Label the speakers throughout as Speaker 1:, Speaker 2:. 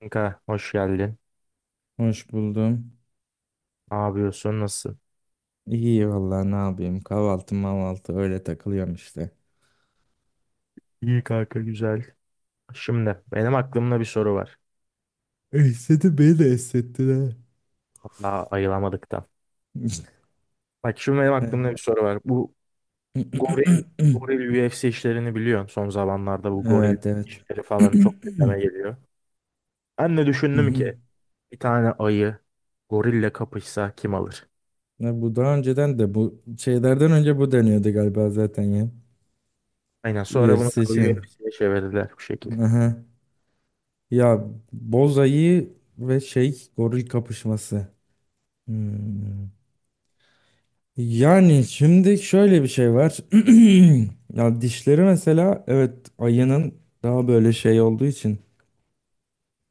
Speaker 1: Kanka hoş geldin.
Speaker 2: Hoş buldum.
Speaker 1: Ne yapıyorsun? Nasılsın?
Speaker 2: İyi vallahi ne yapayım? Kahvaltı mahvaltı öyle takılıyorum işte.
Speaker 1: İyi kanka güzel. Şimdi benim aklımda bir soru var.
Speaker 2: Esnedi, beni de esnetti.
Speaker 1: Hatta ayılamadık da. Bak şimdi benim
Speaker 2: Ha.
Speaker 1: aklımda bir soru var. Bu goril, goril UFC işlerini biliyorsun. Son zamanlarda bu goril
Speaker 2: Evet, evet.
Speaker 1: işleri falan çok gündeme geliyor. Ben de düşündüm ki
Speaker 2: Mhm.
Speaker 1: bir tane ayı gorille kapışsa kim alır?
Speaker 2: Ya bu daha önceden de, bu şeylerden önce bu deniyordu galiba zaten ya.
Speaker 1: Aynen, sonra bunu
Speaker 2: UFC için.
Speaker 1: UFC'ye çevirdiler bu şekilde.
Speaker 2: Aha. Ya, bozayı ve şey goril kapışması. Hmm. Yani şimdi şöyle bir şey var. Ya, dişleri mesela evet, ayının daha böyle şey olduğu için,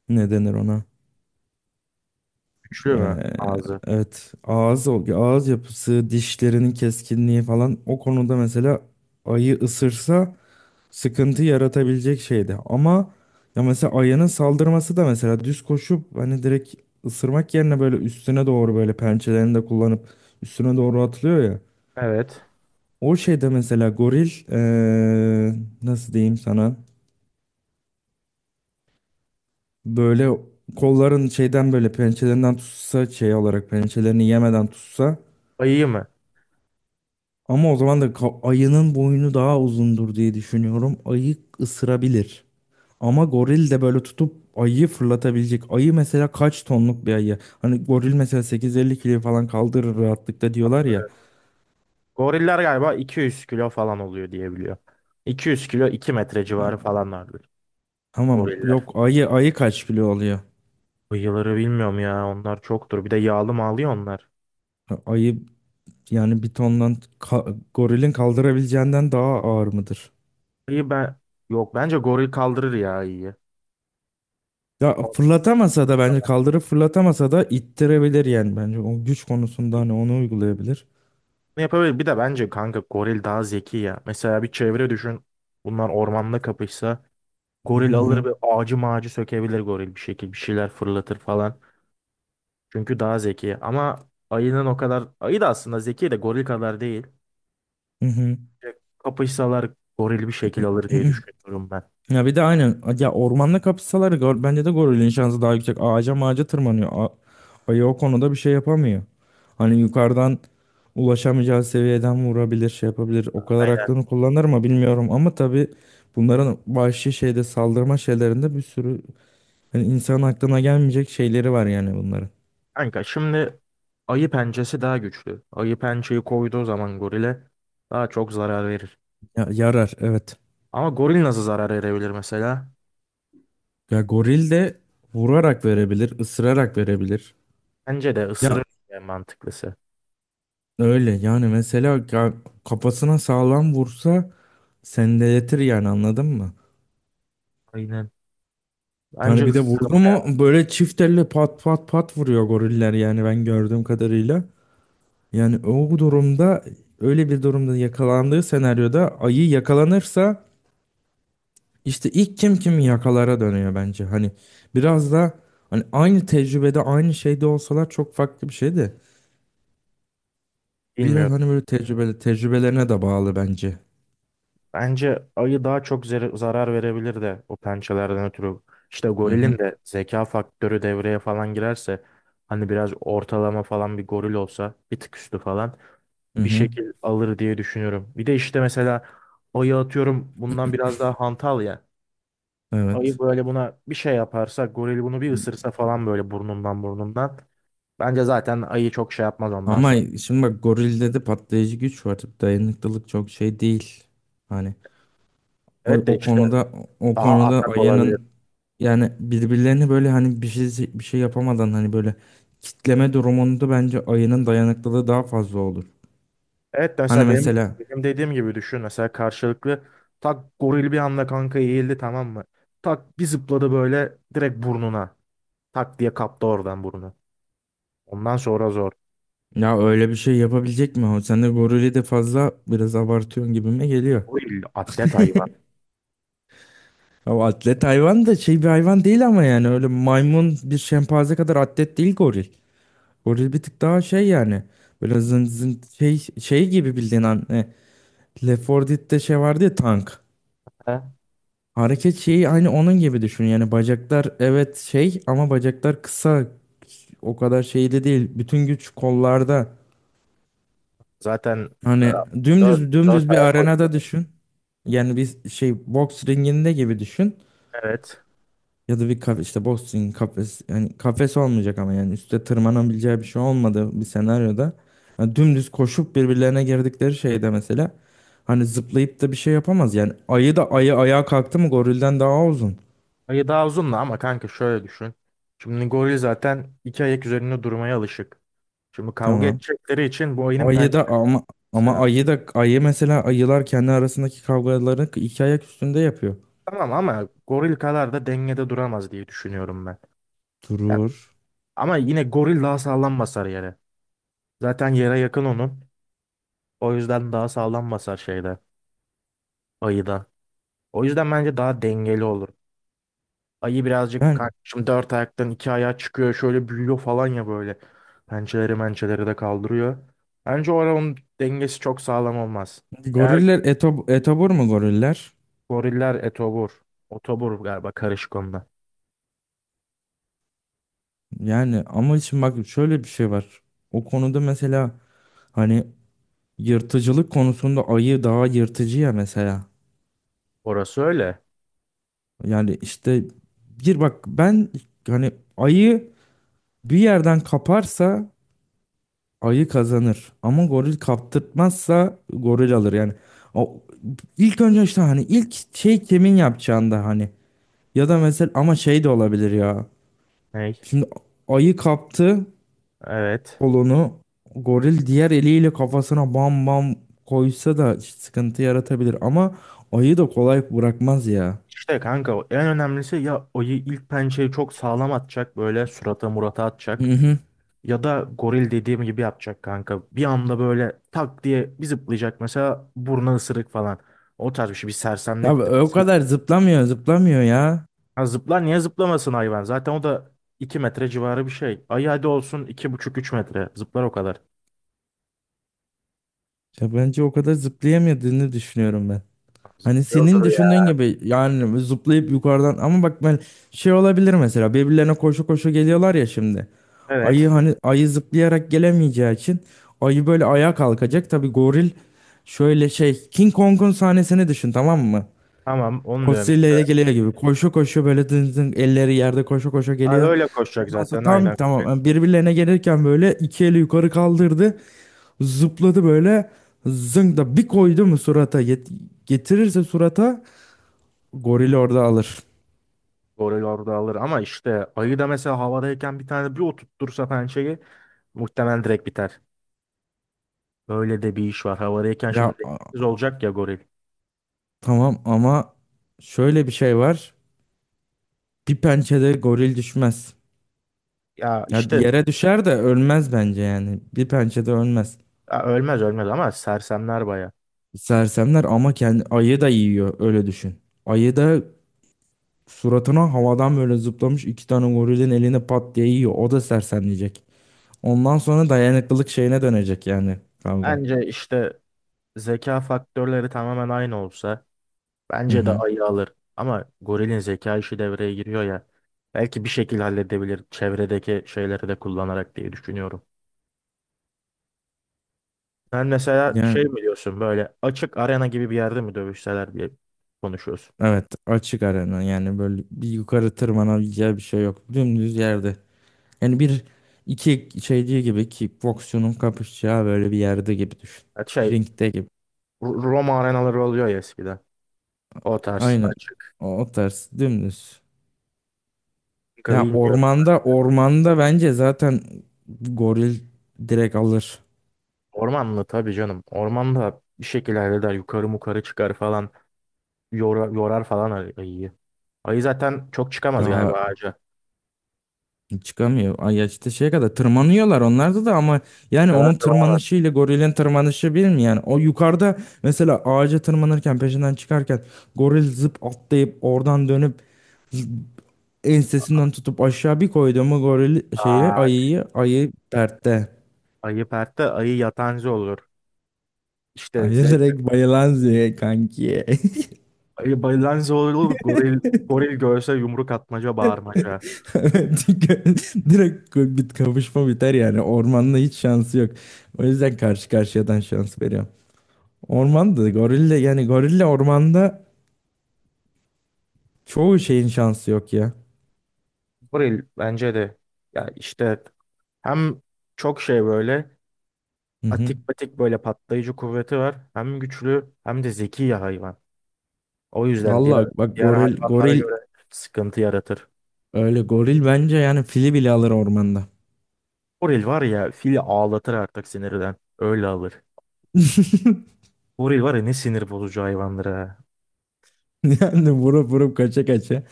Speaker 2: ne denir ona?
Speaker 1: Güçlü mü
Speaker 2: Ee,
Speaker 1: ağzı?
Speaker 2: evet, ağız yapısı, dişlerinin keskinliği falan. O konuda mesela ayı ısırsa sıkıntı yaratabilecek şeydi. Ama ya mesela ayının saldırması da, mesela düz koşup hani direkt ısırmak yerine, böyle üstüne doğru böyle pençelerini de kullanıp üstüne doğru atlıyor ya.
Speaker 1: Evet.
Speaker 2: O şeyde mesela goril nasıl diyeyim sana, böyle kolların şeyden, böyle pençelerinden tutsa, şey olarak pençelerini yemeden tutsa,
Speaker 1: Ayı mı?
Speaker 2: ama o zaman da ayının boynu daha uzundur diye düşünüyorum. Ayı ısırabilir. Ama goril de böyle tutup ayıyı fırlatabilecek. Ayı mesela kaç tonluk bir ayı? Hani goril mesela 850 kilo falan kaldırır rahatlıkla diyorlar ya.
Speaker 1: Goriller galiba 200 kilo falan oluyor diye biliyor. 200 kilo, 2 metre
Speaker 2: A-
Speaker 1: civarı falanlardır
Speaker 2: Tamam,
Speaker 1: goriller.
Speaker 2: yok, ayı kaç kilo oluyor?
Speaker 1: Bıyıları bilmiyorum ya, onlar çoktur. Bir de yağlı mağlı onlar.
Speaker 2: Ha, ayı. Yani bir tondan, gorilin kaldırabileceğinden daha ağır mıdır?
Speaker 1: İyi ben, yok, bence goril kaldırır ya, iyi.
Speaker 2: Ya
Speaker 1: O-
Speaker 2: fırlatamasa da, bence kaldırıp fırlatamasa da ittirebilir yani, bence o güç konusunda hani onu uygulayabilir.
Speaker 1: Ne yapabilir? Bir de bence kanka goril daha zeki ya. Mesela bir çevre düşün. Bunlar ormanda kapışsa goril
Speaker 2: Hı
Speaker 1: alır,
Speaker 2: hı.
Speaker 1: bir ağacı mağacı sökebilir goril, bir şekilde bir şeyler fırlatır falan. Çünkü daha zeki. Ama ayının o kadar, ayı da aslında zeki de goril kadar değil.
Speaker 2: Hı hı.
Speaker 1: Kapışsalar goril bir şekil alır diye düşünüyorum ben.
Speaker 2: Ya bir de aynen ya, ormanda kapışsalar bence de gorilin şansı daha yüksek. Ağaca mağaca tırmanıyor. Ayı o konuda bir şey yapamıyor. Hani yukarıdan ulaşamayacağı seviyeden vurabilir, şey yapabilir. O kadar
Speaker 1: Aynen.
Speaker 2: aklını kullanır mı bilmiyorum ama tabii bunların vahşi şeyde saldırma şeylerinde bir sürü, yani insan aklına gelmeyecek şeyleri var yani bunların.
Speaker 1: Kanka şimdi ayı pençesi daha güçlü. Ayı pençeyi koyduğu zaman gorile daha çok zarar verir.
Speaker 2: Ya, yarar evet.
Speaker 1: Ama goril nasıl zarar verebilir mesela?
Speaker 2: Ya goril de vurarak verebilir, ısırarak verebilir.
Speaker 1: Bence de
Speaker 2: Ya
Speaker 1: ısırır en mantıklısı.
Speaker 2: öyle yani, mesela kafasına sağlam vursa sendeletir yani, anladın mı?
Speaker 1: Aynen. Bence
Speaker 2: Yani bir de
Speaker 1: ısırmak,
Speaker 2: vurdu mu böyle çift elle pat pat pat vuruyor goriller yani, ben gördüğüm kadarıyla. Yani o durumda, öyle bir durumda yakalandığı senaryoda ayı yakalanırsa, İşte ilk kim kimi yakalara dönüyor bence. Hani biraz da, hani aynı tecrübede aynı şeyde olsalar çok farklı bir şey de. Biraz
Speaker 1: bilmiyorum.
Speaker 2: hani böyle tecrübeli, tecrübelerine de bağlı bence.
Speaker 1: Bence ayı daha çok zarar verebilir de o pençelerden ötürü. İşte
Speaker 2: Hı
Speaker 1: gorilin
Speaker 2: hı.
Speaker 1: de zeka faktörü devreye falan girerse hani biraz ortalama falan bir goril olsa bir tık üstü falan
Speaker 2: Hı
Speaker 1: bir
Speaker 2: hı.
Speaker 1: şekil alır diye düşünüyorum. Bir de işte mesela ayı, atıyorum, bundan biraz daha hantal ya. Ayı
Speaker 2: Evet.
Speaker 1: böyle buna bir şey yaparsa goril bunu bir ısırsa falan böyle burnundan burnundan. Bence zaten ayı çok şey yapmaz ondan
Speaker 2: Ama
Speaker 1: sonra.
Speaker 2: şimdi bak, gorilde de patlayıcı güç var. Dayanıklılık çok şey değil. Hani o,
Speaker 1: Evet de
Speaker 2: o
Speaker 1: işte
Speaker 2: konuda o
Speaker 1: daha
Speaker 2: konuda
Speaker 1: atak olabilir.
Speaker 2: ayının, yani birbirlerini böyle, hani bir şey bir şey yapamadan, hani böyle kitleme durumunda bence ayının dayanıklılığı daha fazla olur.
Speaker 1: Evet de
Speaker 2: Hani
Speaker 1: mesela benim,
Speaker 2: mesela.
Speaker 1: benim dediğim gibi düşün, mesela karşılıklı tak goril bir anda kanka eğildi, tamam mı? Tak bir zıpladı böyle, direkt burnuna. Tak diye kaptı oradan burnu. Ondan sonra zor.
Speaker 2: Ya öyle bir şey yapabilecek mi o? Sen de gorili de fazla biraz abartıyorsun gibime geliyor.
Speaker 1: Goril atlet hayvan.
Speaker 2: Ya o atlet hayvan da şey bir hayvan değil ama yani öyle maymun, bir şempanze kadar atlet değil goril. Goril bir tık daha şey yani. Böyle zın zın şey, gibi bildiğin an. Left 4 Dead'de şey vardı ya, tank. Hareket şeyi aynı onun gibi düşün. Yani bacaklar evet şey, ama bacaklar kısa. O kadar şeyde değil. Bütün güç kollarda.
Speaker 1: Zaten
Speaker 2: Hani
Speaker 1: dört,
Speaker 2: dümdüz
Speaker 1: dört
Speaker 2: dümdüz bir
Speaker 1: ayak koşuyor.
Speaker 2: arenada düşün. Yani bir şey, boks ringinde gibi düşün.
Speaker 1: Evet.
Speaker 2: Ya da bir kafe işte boxing kafes, yani kafes olmayacak ama yani üstte tırmanabileceği bir şey olmadığı bir senaryoda, yani dümdüz koşup birbirlerine girdikleri şeyde mesela, hani zıplayıp da bir şey yapamaz yani, ayı da ayı ayağa kalktı mı gorilden daha uzun.
Speaker 1: Ayı daha uzun da, ama kanka şöyle düşün. Şimdi goril zaten iki ayak üzerinde durmaya alışık. Şimdi kavga
Speaker 2: Tamam.
Speaker 1: edecekleri için bu ayının
Speaker 2: Ayı
Speaker 1: pençesi
Speaker 2: da ama,
Speaker 1: lazım.
Speaker 2: ayı da ayı mesela, ayılar kendi arasındaki kavgalarını iki ayak üstünde yapıyor.
Speaker 1: Tamam ama goril kadar da dengede duramaz diye düşünüyorum ben. Ya,
Speaker 2: Durur.
Speaker 1: ama yine goril daha sağlam basar yere. Zaten yere yakın onun. O yüzden daha sağlam basar şeyde, ayıdan. O yüzden bence daha dengeli olur. Ayı birazcık
Speaker 2: Yani
Speaker 1: kardeşim dört ayaktan iki ayağa çıkıyor. Şöyle büyüyor falan ya, böyle. Pençeleri mençeleri de kaldırıyor. Bence oranın dengesi çok sağlam olmaz. Eğer
Speaker 2: goriller etobur mu goriller?
Speaker 1: goriller etobur. Otobur galiba, karışık onda.
Speaker 2: Yani ama için bak, şöyle bir şey var. O konuda mesela, hani yırtıcılık konusunda ayı daha yırtıcı ya mesela.
Speaker 1: Orası öyle.
Speaker 2: Yani işte, bir bak ben, hani ayı bir yerden kaparsa ayı kazanır. Ama goril kaptırtmazsa goril alır. Yani o, ilk önce işte hani ilk şey kimin yapacağında, hani, ya da mesela, ama şey de olabilir ya.
Speaker 1: Ney?
Speaker 2: Şimdi ayı kaptı
Speaker 1: Evet.
Speaker 2: kolunu, goril diğer eliyle kafasına bam bam koysa da sıkıntı yaratabilir, ama ayı da kolay bırakmaz ya.
Speaker 1: İşte kanka en önemlisi, ya ayı ilk pençeyi çok sağlam atacak. Böyle surata murata atacak.
Speaker 2: Hı hı.
Speaker 1: Ya da goril dediğim gibi yapacak kanka. Bir anda böyle tak diye bir zıplayacak, mesela burnu ısırık falan. O tarz bir şey, bir
Speaker 2: Ya o
Speaker 1: sersemlettirmesi
Speaker 2: kadar
Speaker 1: lazım.
Speaker 2: zıplamıyor, zıplamıyor ya.
Speaker 1: Ha, zıplar, niye zıplamasın hayvan? Zaten o da 2 metre civarı bir şey. Ay hadi olsun buçuk 3 metre. Zıplar o kadar.
Speaker 2: Ya bence o kadar zıplayamadığını düşünüyorum ben. Hani senin
Speaker 1: Yoldur
Speaker 2: düşündüğün
Speaker 1: ya.
Speaker 2: gibi, yani zıplayıp yukarıdan. Ama bak ben, şey olabilir mesela, birbirlerine koşu koşu geliyorlar ya şimdi. Ayı,
Speaker 1: Evet.
Speaker 2: hani ayı zıplayarak gelemeyeceği için ayı böyle ayağa kalkacak. Tabii goril. Şöyle şey, King Kong'un sahnesini düşün, tamam mı?
Speaker 1: Tamam, onu diyorum
Speaker 2: Godzilla
Speaker 1: işte.
Speaker 2: ile geliyor gibi. Koşu koşu böyle dın dın elleri yerde koşu koşu
Speaker 1: Ha,
Speaker 2: geliyor.
Speaker 1: öyle koşacak
Speaker 2: Ondan sonra
Speaker 1: zaten,
Speaker 2: tam,
Speaker 1: aynen.
Speaker 2: tamam yani, birbirlerine gelirken böyle iki eli yukarı kaldırdı. Zıpladı böyle. Zınk da bir koydu mu surata, getirirse surata, gorili orada alır.
Speaker 1: Goril orada alır, ama işte ayı da mesela havadayken bir tane bir oturtursa pençeyi muhtemelen direkt biter. Böyle de bir iş var. Havadayken şimdi
Speaker 2: Ya
Speaker 1: dengesiz olacak ya goril.
Speaker 2: tamam ama şöyle bir şey var. Bir pençede goril düşmez.
Speaker 1: Ya
Speaker 2: Ya,
Speaker 1: işte,
Speaker 2: yere düşer de ölmez bence yani. Bir pençede ölmez.
Speaker 1: ya ölmez ölmez ama sersemler baya.
Speaker 2: Sersemler ama kendi ayı da yiyor, öyle düşün. Ayı da suratına havadan böyle zıplamış iki tane gorilin eline pat diye yiyor. O da sersemleyecek. Ondan sonra dayanıklılık şeyine dönecek yani kavga.
Speaker 1: Bence işte zeka faktörleri tamamen aynı olsa
Speaker 2: Hı
Speaker 1: bence de
Speaker 2: hı.
Speaker 1: ayı alır. Ama gorilin zeka işi devreye giriyor ya. Belki bir şekilde halledebilir çevredeki şeyleri de kullanarak diye düşünüyorum. Sen mesela şey
Speaker 2: Yani
Speaker 1: mi diyorsun, böyle açık arena gibi bir yerde mi dövüşseler diye konuşuyorsun.
Speaker 2: evet, açık arena yani böyle bir yukarı tırmanabileceği bir şey yok. Dümdüz yerde. Yani bir iki şeyci gibi, kickboksçunun kapışacağı böyle bir yerde gibi düşün.
Speaker 1: Ya şey,
Speaker 2: Ringde gibi.
Speaker 1: Roma arenaları oluyor ya eskiden. O tarz
Speaker 2: Aynen,
Speaker 1: açık.
Speaker 2: o tarz dümdüz.
Speaker 1: Kanka
Speaker 2: Ya
Speaker 1: bilmiyorum ben
Speaker 2: ormanda,
Speaker 1: de.
Speaker 2: ormanda bence zaten goril direkt alır.
Speaker 1: Ormanlı tabii canım. Ormanda bir şekilde halleder. Yukarı mukarı çıkar falan. Yorar, yorar falan ayıyı. Ayı zaten çok çıkamaz
Speaker 2: Ya.
Speaker 1: galiba ağaca.
Speaker 2: Çıkamıyor. Ay ya işte şeye kadar tırmanıyorlar onlarda da, ama
Speaker 1: Bu
Speaker 2: yani
Speaker 1: kadar
Speaker 2: onun
Speaker 1: tırmanamaz.
Speaker 2: tırmanışı ile gorilin tırmanışı bir mi yani? O yukarıda mesela ağaca tırmanırken peşinden çıkarken, goril zıp atlayıp oradan dönüp ensesinden tutup aşağı bir koydu mu, goril şeyi
Speaker 1: Aa,
Speaker 2: ayıyı, ayı dertte.
Speaker 1: ayı pertte, ayı yatancı olur. İşte
Speaker 2: Ayı
Speaker 1: zebra.
Speaker 2: direkt bayılan züğe kanki.
Speaker 1: Ayı bayılancı olur. Goril görse yumruk atmaca bağırmaca.
Speaker 2: Çünkü direkt bit kavuşma biter yani. Ormanda hiç şansı yok. O yüzden karşı karşıyadan şans veriyorum. Ormanda gorille, yani gorille ormanda, çoğu şeyin şansı yok ya.
Speaker 1: Goril bence de. Ya işte hem çok şey böyle
Speaker 2: Hı hı.
Speaker 1: atik patik, böyle patlayıcı kuvveti var. Hem güçlü hem de zeki ya hayvan. O yüzden diğer
Speaker 2: Vallahi bak,
Speaker 1: diğer
Speaker 2: goril
Speaker 1: hayvanlara
Speaker 2: goril
Speaker 1: göre sıkıntı yaratır.
Speaker 2: öyle, goril bence yani fili bile alır ormanda.
Speaker 1: Goril var ya fili ağlatır artık sinirden. Öyle alır. Goril var ya ne sinir bozucu hayvandır ha.
Speaker 2: Yani vurup vurup kaça kaça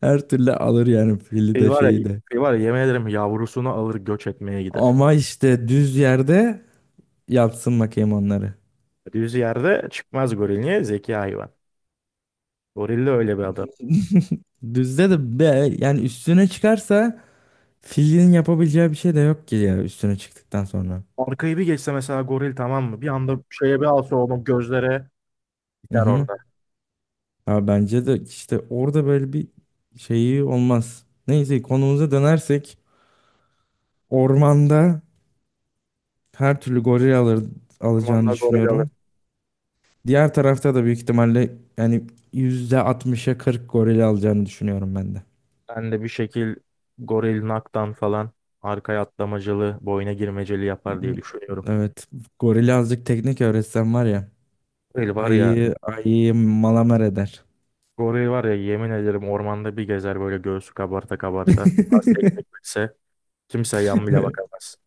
Speaker 2: her türlü alır yani, fili
Speaker 1: Şey
Speaker 2: de
Speaker 1: var ya,
Speaker 2: şeyi de.
Speaker 1: şey var ya yemin ederim yavrusunu alır göç etmeye gider.
Speaker 2: Ama işte düz yerde yapsın bakayım onları.
Speaker 1: Düz yerde çıkmaz goril. Niye? Zeki hayvan. Goril de öyle bir adam.
Speaker 2: Düzde de be, yani üstüne çıkarsa filin yapabileceği bir şey de yok ki ya, üstüne çıktıktan sonra.
Speaker 1: Arkayı bir geçse mesela goril, tamam mı? Bir anda şeye bir alsa onu gözlere,
Speaker 2: Hı
Speaker 1: biter
Speaker 2: hı.
Speaker 1: orada.
Speaker 2: Ha, bence de işte orada böyle bir şeyi olmaz. Neyse, konumuza dönersek, ormanda her türlü goril alır, alacağını
Speaker 1: Ormanda goril alır.
Speaker 2: düşünüyorum. Diğer tarafta da büyük ihtimalle yani %60'a 40 goril alacağını düşünüyorum ben de.
Speaker 1: Ben de bir şekil goril naktan falan arkaya atlamacılı, boyuna girmeceli yapar diye düşünüyorum.
Speaker 2: Evet. Gorili azıcık teknik öğretsem var ya,
Speaker 1: Goril var ya,
Speaker 2: ayı ayıyı malamer eder.
Speaker 1: goril var ya yemin ederim ormanda bir gezer böyle göğsü kabarta kabarta. Az tekmek bilse kimse yan bile bakamaz.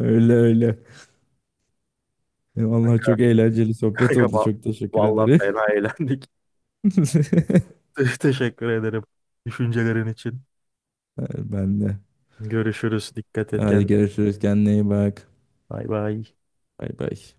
Speaker 2: Öyle öyle. Vallahi
Speaker 1: Kanka,
Speaker 2: çok eğlenceli sohbet
Speaker 1: kanka
Speaker 2: oldu. Çok teşekkür
Speaker 1: vallahi
Speaker 2: ederim.
Speaker 1: fena eğlendik. Teşekkür ederim düşüncelerin için.
Speaker 2: Ben de.
Speaker 1: Görüşürüz. Dikkat et
Speaker 2: Hadi
Speaker 1: kendine.
Speaker 2: görüşürüz. Kendine iyi bak.
Speaker 1: Bay bay.
Speaker 2: Bay bay.